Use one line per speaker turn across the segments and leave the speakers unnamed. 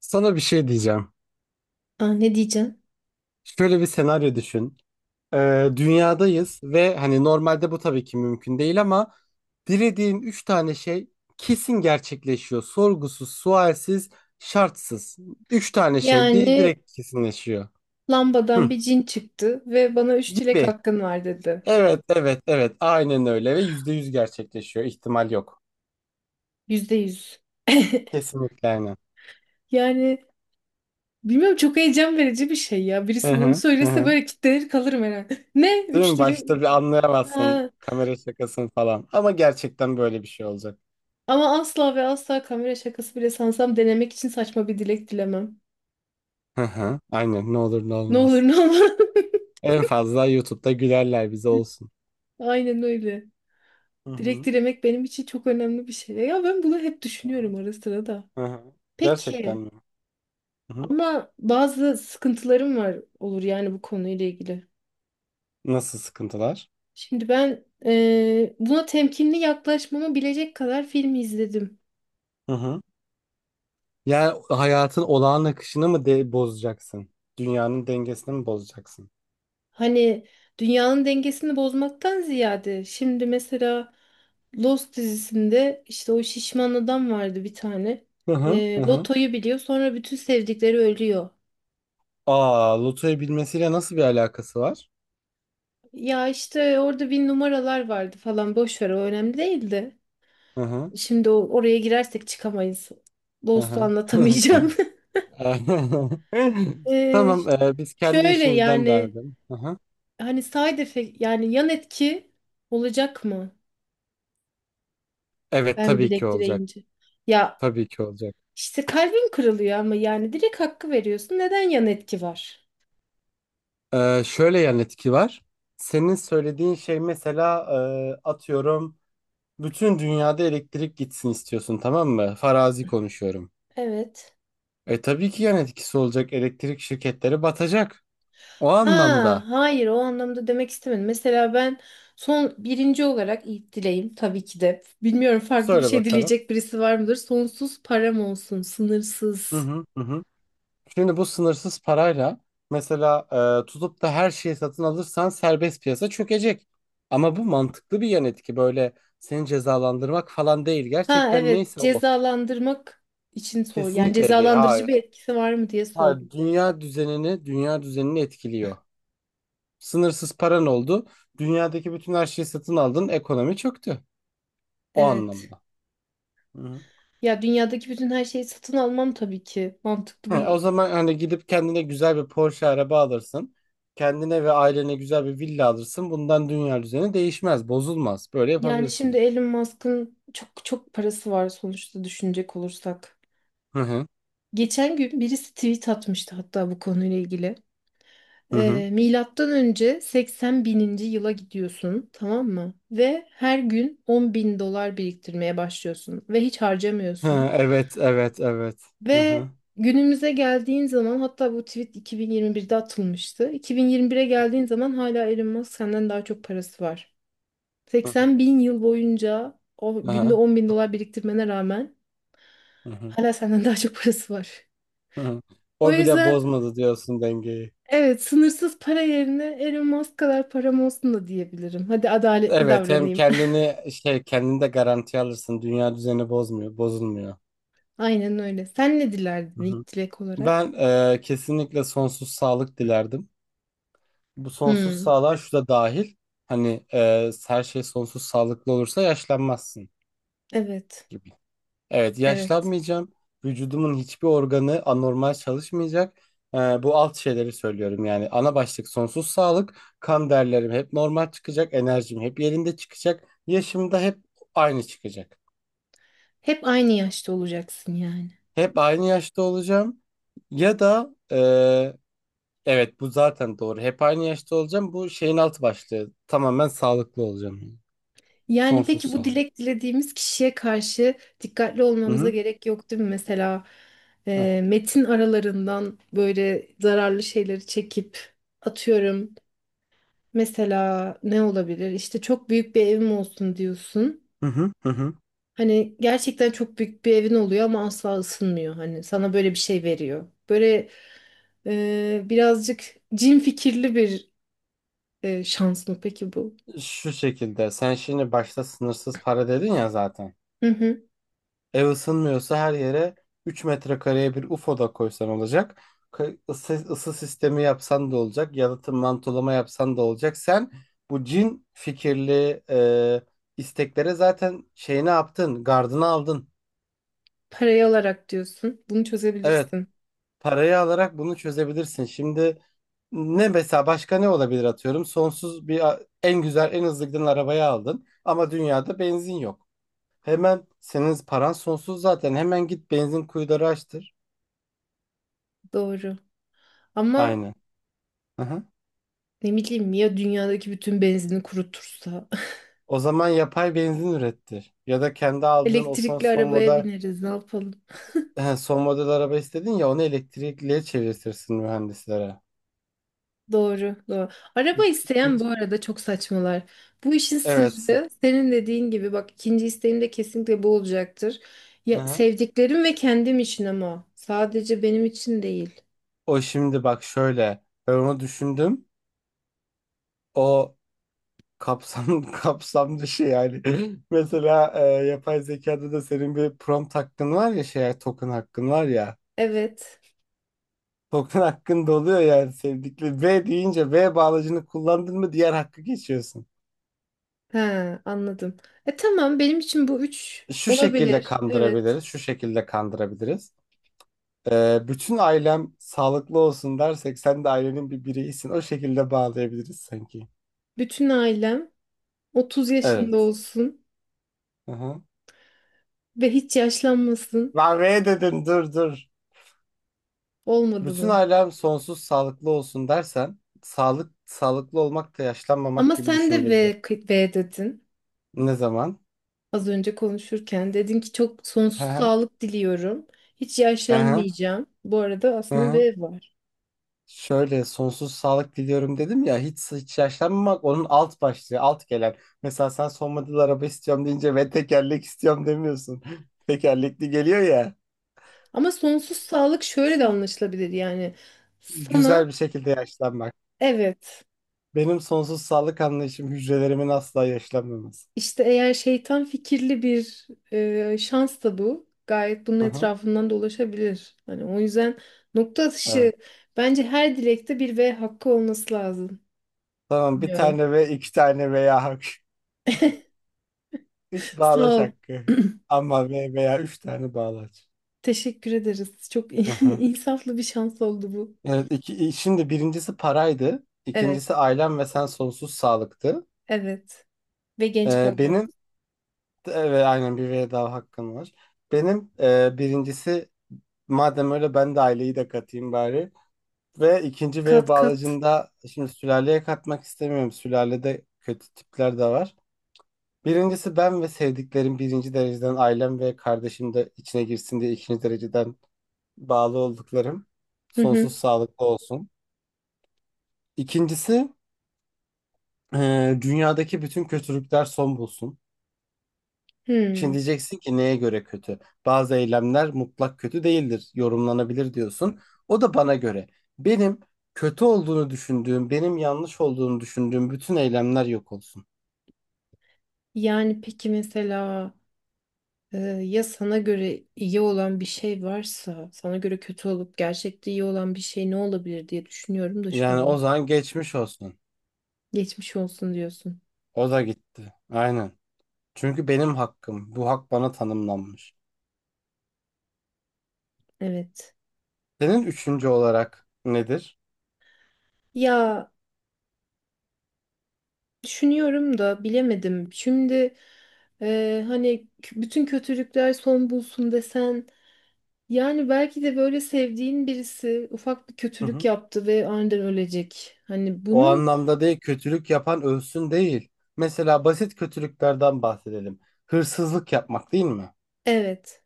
Sana bir şey diyeceğim.
Aa, ne diyeceksin?
Şöyle bir senaryo düşün. Dünyadayız ve hani normalde bu tabii ki mümkün değil ama dilediğin üç tane şey kesin gerçekleşiyor. Sorgusuz, sualsiz, şartsız. Üç tane şey
Yani
direkt kesinleşiyor.
lambadan
Hı.
bir cin çıktı ve bana üç dilek
Gibi.
hakkın var dedi.
Evet, evet, evet. Aynen öyle ve %100 gerçekleşiyor. İhtimal yok.
Yüzde yüz.
Kesinlikle aynen.
Yani bilmiyorum, çok heyecan verici bir şey ya.
Hı
Birisi bunu
hı, hı
söylese
hı.
böyle kitlenir kalırım herhalde. Ne?
Değil
Üç
mi?
dilek.
Başta bir anlayamazsın
Ha.
kamera şakasını falan. Ama gerçekten böyle bir şey olacak.
Ama asla ve asla kamera şakası bile sansam denemek için saçma bir dilek dilemem.
Hı hı. Aynen ne olur ne
Ne olur
olmaz.
ne olmaz.
En fazla YouTube'da gülerler bize olsun.
Aynen öyle.
Hı
Dilek
hı.
dilemek benim için çok önemli bir şey. Ya ben bunu hep
Hı
düşünüyorum
hı.
ara sıra da.
Hı hı. Gerçekten
Peki.
mi? Hı hı.
Ama bazı sıkıntılarım var olur yani bu konuyla ilgili.
Nasıl sıkıntılar?
Şimdi ben buna temkinli yaklaşmamı bilecek kadar film izledim.
Hı hı. Yani hayatın olağan akışını mı de bozacaksın? Dünyanın dengesini mi bozacaksın?
Hani dünyanın dengesini bozmaktan ziyade şimdi mesela Lost dizisinde işte o şişman adam vardı bir tane.
Hı hı. Hı hı.
Lotoyu biliyor, sonra bütün sevdikleri ölüyor.
Aa, lotoyu bilmesiyle nasıl bir alakası var?
Ya işte orada bir numaralar vardı falan, boş ver, o önemli değildi.
Hı hı.
Şimdi oraya girersek çıkamayız.
Hı
Lost'u
hı.
anlatamayacağım. Ee,
Tamam, biz kendi
şöyle
işimizden devam
yani
edelim. Hı hı.
hani side effect, yani yan etki olacak mı?
Evet,
Ben
tabii ki
direkt
olacak.
direyince. Ya
Tabii ki olacak.
işte kalbin kırılıyor ama yani direkt hakkı veriyorsun. Neden yan etki var?
Şöyle yan etki var. Senin söylediğin şey mesela atıyorum bütün dünyada elektrik gitsin istiyorsun, tamam mı? Farazi konuşuyorum.
Evet.
E tabii ki yan etkisi olacak. Elektrik şirketleri batacak. O
Ha,
anlamda.
hayır, o anlamda demek istemedim. Mesela ben son birinci olarak ilk dileğim tabii ki de. Bilmiyorum, farklı bir
Söyle
şey
bakalım.
dileyecek birisi var mıdır? Sonsuz param olsun,
Hı
sınırsız.
hı hı, hı. Şimdi bu sınırsız parayla mesela tutup da her şeyi satın alırsan serbest piyasa çökecek. Ama bu mantıklı bir yan etki. Böyle seni cezalandırmak falan değil.
Ha
Gerçekten
evet,
neyse o.
cezalandırmak için sor. Yani
Kesinlikle değil.
cezalandırıcı
Hayır.
bir etkisi var mı diye sordum
Ha,
ben.
dünya düzenini etkiliyor. Sınırsız paran oldu. Dünyadaki bütün her şeyi satın aldın. Ekonomi çöktü. O
Evet.
anlamda. Hı.
Ya dünyadaki bütün her şeyi satın almam tabii ki. Mantıklı
He,
bir
o zaman hani gidip kendine güzel bir Porsche araba alırsın. Kendine ve ailene güzel bir villa alırsın. Bundan dünya düzeni değişmez, bozulmaz. Böyle
yani şimdi
yapabilirsin.
Elon Musk'ın çok çok parası var sonuçta, düşünecek olursak.
Hı hı.
Geçen gün birisi tweet atmıştı hatta bu konuyla ilgili.
Hı hı.
Milattan önce 80 bininci yıla gidiyorsun, tamam mı? Ve her gün 10 bin dolar biriktirmeye başlıyorsun ve hiç
Hı,
harcamıyorsun.
evet, evet, evet. Hı
Ve
hı.
günümüze geldiğin zaman, hatta bu tweet 2021'de atılmıştı, 2021'e geldiğin zaman hala Elon Musk senden daha çok parası var.
Hı hı.
80 bin yıl boyunca o
Hı
günde
hı.
10 bin dolar biriktirmene rağmen
Hı hı.
hala senden daha çok parası var.
Hı hı.
O
O bile
yüzden
bozmadı diyorsun dengeyi.
evet, sınırsız para yerine Elon Musk kadar param olsun da diyebilirim. Hadi adaletli
Evet, hem
davranayım.
kendini de garantiye alırsın. Dünya düzeni bozmuyor, bozulmuyor.
Aynen öyle. Sen ne
Hı
dilerdin
hı.
ilk dilek olarak?
Ben kesinlikle sonsuz sağlık dilerdim. Bu sonsuz
Hmm,
sağlığa şu da dahil. Hani her şey sonsuz sağlıklı olursa yaşlanmazsın
evet,
gibi. Evet,
evet.
yaşlanmayacağım. Vücudumun hiçbir organı anormal çalışmayacak. Bu alt şeyleri söylüyorum yani. Ana başlık sonsuz sağlık. Kan değerlerim hep normal çıkacak. Enerjim hep yerinde çıkacak. Yaşım da hep aynı çıkacak.
Hep aynı yaşta olacaksın yani.
Hep aynı yaşta olacağım ya da evet bu zaten doğru. Hep aynı yaşta olacağım. Bu şeyin altı başlığı. Tamamen sağlıklı olacağım.
Yani
Sonsuz
peki bu
sağlık.
dilek dilediğimiz kişiye karşı dikkatli
Hı
olmamıza
hı.
gerek yok değil mi? Mesela
Heh.
metin aralarından böyle zararlı şeyleri çekip atıyorum. Mesela ne olabilir? İşte çok büyük bir evim olsun diyorsun.
Hı hı. Hı hı.
Hani gerçekten çok büyük bir evin oluyor ama asla ısınmıyor. Hani sana böyle bir şey veriyor. Böyle birazcık cin fikirli bir şans mı peki bu?
Şu şekilde sen şimdi başta sınırsız para dedin ya zaten.
Hı hı.
Ev ısınmıyorsa her yere 3 metrekareye bir UFO da koysan olacak. Isı sistemi yapsan da olacak. Yalıtım mantolama yapsan da olacak. Sen bu cin fikirli isteklere zaten şeyini yaptın. Gardını aldın.
Parayı alarak diyorsun. Bunu
Evet.
çözebilirsin.
Parayı alarak bunu çözebilirsin. Şimdi ne mesela, başka ne olabilir atıyorum. Sonsuz bir en güzel en hızlı giden arabayı aldın. Ama dünyada benzin yok. Hemen senin paran sonsuz zaten. Hemen git benzin kuyuları açtır.
Doğru. Ama
Aynen. Aha.
ne bileyim ya, dünyadaki bütün benzini kurutursa.
O zaman yapay benzin ürettir. Ya da kendi aldığın o son
Elektrikli
son
arabaya
model
bineriz, ne yapalım.
son model araba istedin ya onu elektrikliye çevirtirsin mühendislere.
Doğru, doğru. Araba isteyen bu
İkinci.
arada çok saçmalar. Bu işin
Evet.
sırrı senin dediğin gibi, bak ikinci isteğim de kesinlikle bu olacaktır. Ya,
Aha.
sevdiklerim ve kendim için, ama sadece benim için değil.
O şimdi bak şöyle, ben onu düşündüm. O kapsam kapsam dışı yani. Mesela yapay zekada da senin bir prompt hakkın var ya, şey, token hakkın var ya.
Evet.
Token hakkın doluyor yani sevdikli. V deyince V bağlacını kullandın mı diğer hakkı geçiyorsun.
He, anladım. E tamam, benim için bu üç
Şu şekilde
olabilir. Evet.
kandırabiliriz, şu şekilde kandırabiliriz. Bütün ailem sağlıklı olsun dersek sen de ailenin bir bireyisin. O şekilde bağlayabiliriz sanki.
Bütün ailem 30 yaşında
Evet.
olsun
Hı hı.
ve hiç yaşlanmasın.
Ben V dedim, dur dur.
Olmadı
Bütün
mı?
ailem sonsuz sağlıklı olsun dersen sağlıklı olmak da yaşlanmamak
Ama
gibi
sen de
düşünülebilir.
V, V dedin.
Ne zaman?
Az önce konuşurken dedin ki çok
Hı
sonsuz
hı.
sağlık diliyorum. Hiç
Hı hı.
yaşlanmayacağım. Bu arada
Hı
aslında
hı.
V var.
Şöyle, sonsuz sağlık diliyorum dedim ya, hiç yaşlanmamak onun alt başlığı, alt gelen. Mesela sen son model araba istiyorum deyince ve tekerlek istiyorum demiyorsun. Tekerlekli geliyor ya.
Ama sonsuz sağlık şöyle de
Sa-
anlaşılabilir yani. Sana
Güzel bir şekilde yaşlanmak.
evet,
Benim sonsuz sağlık anlayışım hücrelerimin asla yaşlanmaması.
işte eğer şeytan fikirli bir şans da bu. Gayet bunun
Hı hı.
etrafından dolaşabilir. Hani o yüzden nokta atışı,
Evet.
bence her dilekte bir V hakkı olması lazım.
Tamam, bir
Bilmiyorum.
tane ve, iki tane veya hak. Üç
Sağ
bağlaç
ol.
hakkı. Ama, ve, veya, üç tane bağlaç.
Teşekkür ederiz. Çok
Hı hı.
insaflı bir şans oldu bu.
Evet, iki, şimdi birincisi paraydı.
Evet,
İkincisi ailem ve sen sonsuz sağlıktı.
evet. Ve genç
Benim
kalıyoruz.
evet aynen bir veda hakkım var. Benim birincisi, madem öyle ben de aileyi de katayım bari. Ve ikinci V
Kat kat.
bağlacında şimdi sülaleye katmak istemiyorum. Sülalede kötü tipler de var. Birincisi ben ve sevdiklerim, birinci dereceden ailem ve kardeşim de içine girsin diye ikinci dereceden bağlı olduklarım.
Hı hı.
Sonsuz sağlıklı olsun. İkincisi dünyadaki bütün kötülükler son bulsun. Şimdi
Hmm.
diyeceksin ki neye göre kötü? Bazı eylemler mutlak kötü değildir, yorumlanabilir diyorsun. O da bana göre. Benim kötü olduğunu düşündüğüm, benim yanlış olduğunu düşündüğüm bütün eylemler yok olsun.
Yani peki mesela ya sana göre iyi olan bir şey varsa, sana göre kötü olup gerçekte iyi olan bir şey ne olabilir diye düşünüyorum da şu
Yani o
an.
zaman geçmiş olsun.
Geçmiş olsun diyorsun.
O da gitti. Aynen. Çünkü benim hakkım. Bu hak bana tanımlanmış.
Evet.
Senin üçüncü olarak nedir?
Ya düşünüyorum da bilemedim. Şimdi hani bütün kötülükler son bulsun desen, yani belki de böyle sevdiğin birisi ufak bir
Hı
kötülük
hı.
yaptı ve aniden ölecek. Hani
O
bunun
anlamda değil, kötülük yapan ölsün değil. Mesela basit kötülüklerden bahsedelim. Hırsızlık yapmak, değil mi?
evet,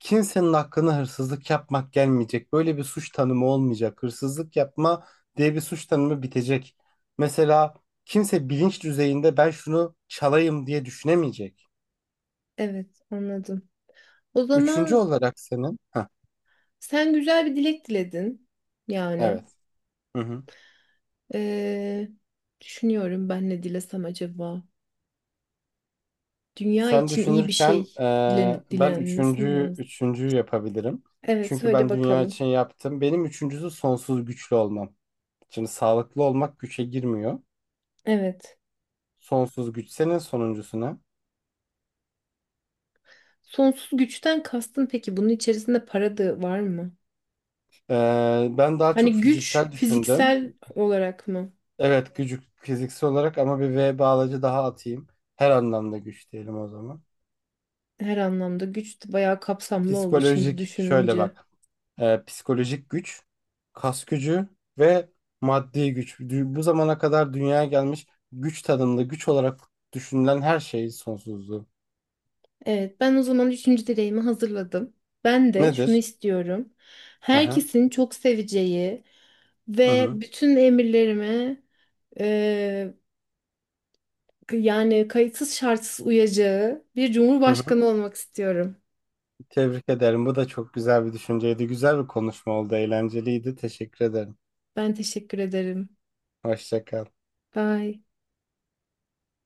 Kimsenin hakkına hırsızlık yapmak gelmeyecek. Böyle bir suç tanımı olmayacak. Hırsızlık yapma diye bir suç tanımı bitecek. Mesela kimse bilinç düzeyinde ben şunu çalayım diye düşünemeyecek.
evet anladım. O
Üçüncü
zaman
olarak senin... Heh,
sen güzel bir dilek diledin. Yani
evet. Hı hı.
Ee, düşünüyorum ben ne dilesem acaba. Dünya
Sen
için iyi bir
düşünürken
şey dilen
ben
dilenmesi mi
üçüncü,
lazım?
üçüncüyü yapabilirim.
Evet
Çünkü
söyle
ben dünya
bakalım.
için yaptım. Benim üçüncüsü sonsuz güçlü olmam. Şimdi sağlıklı olmak güçe girmiyor.
Evet.
Sonsuz güç, senin sonuncusu ne?
Sonsuz güçten kastın peki, bunun içerisinde para da var mı?
Ben daha çok
Hani güç
fiziksel düşündüm.
fiziksel olarak mı?
Evet, gücü fiziksel olarak, ama bir V bağlacı daha atayım. Her anlamda güç diyelim o zaman.
Her anlamda güç de bayağı kapsamlı oldu şimdi
Psikolojik şöyle
düşününce.
bak. Psikolojik güç, kas gücü ve maddi güç. Bu zamana kadar dünyaya gelmiş güç tanımlı, güç olarak düşünülen her şeyin sonsuzluğu.
Evet, ben o zaman üçüncü dileğimi hazırladım. Ben de şunu
Nedir?
istiyorum.
Aha.
Herkesin çok seveceği
Hı
ve
hı.
bütün emirlerime eee, yani kayıtsız şartsız uyacağı bir
Hı hı.
cumhurbaşkanı olmak istiyorum.
Tebrik ederim. Bu da çok güzel bir düşünceydi. Güzel bir konuşma oldu. Eğlenceliydi. Teşekkür ederim.
Ben teşekkür ederim.
Hoşça kal.
Bye.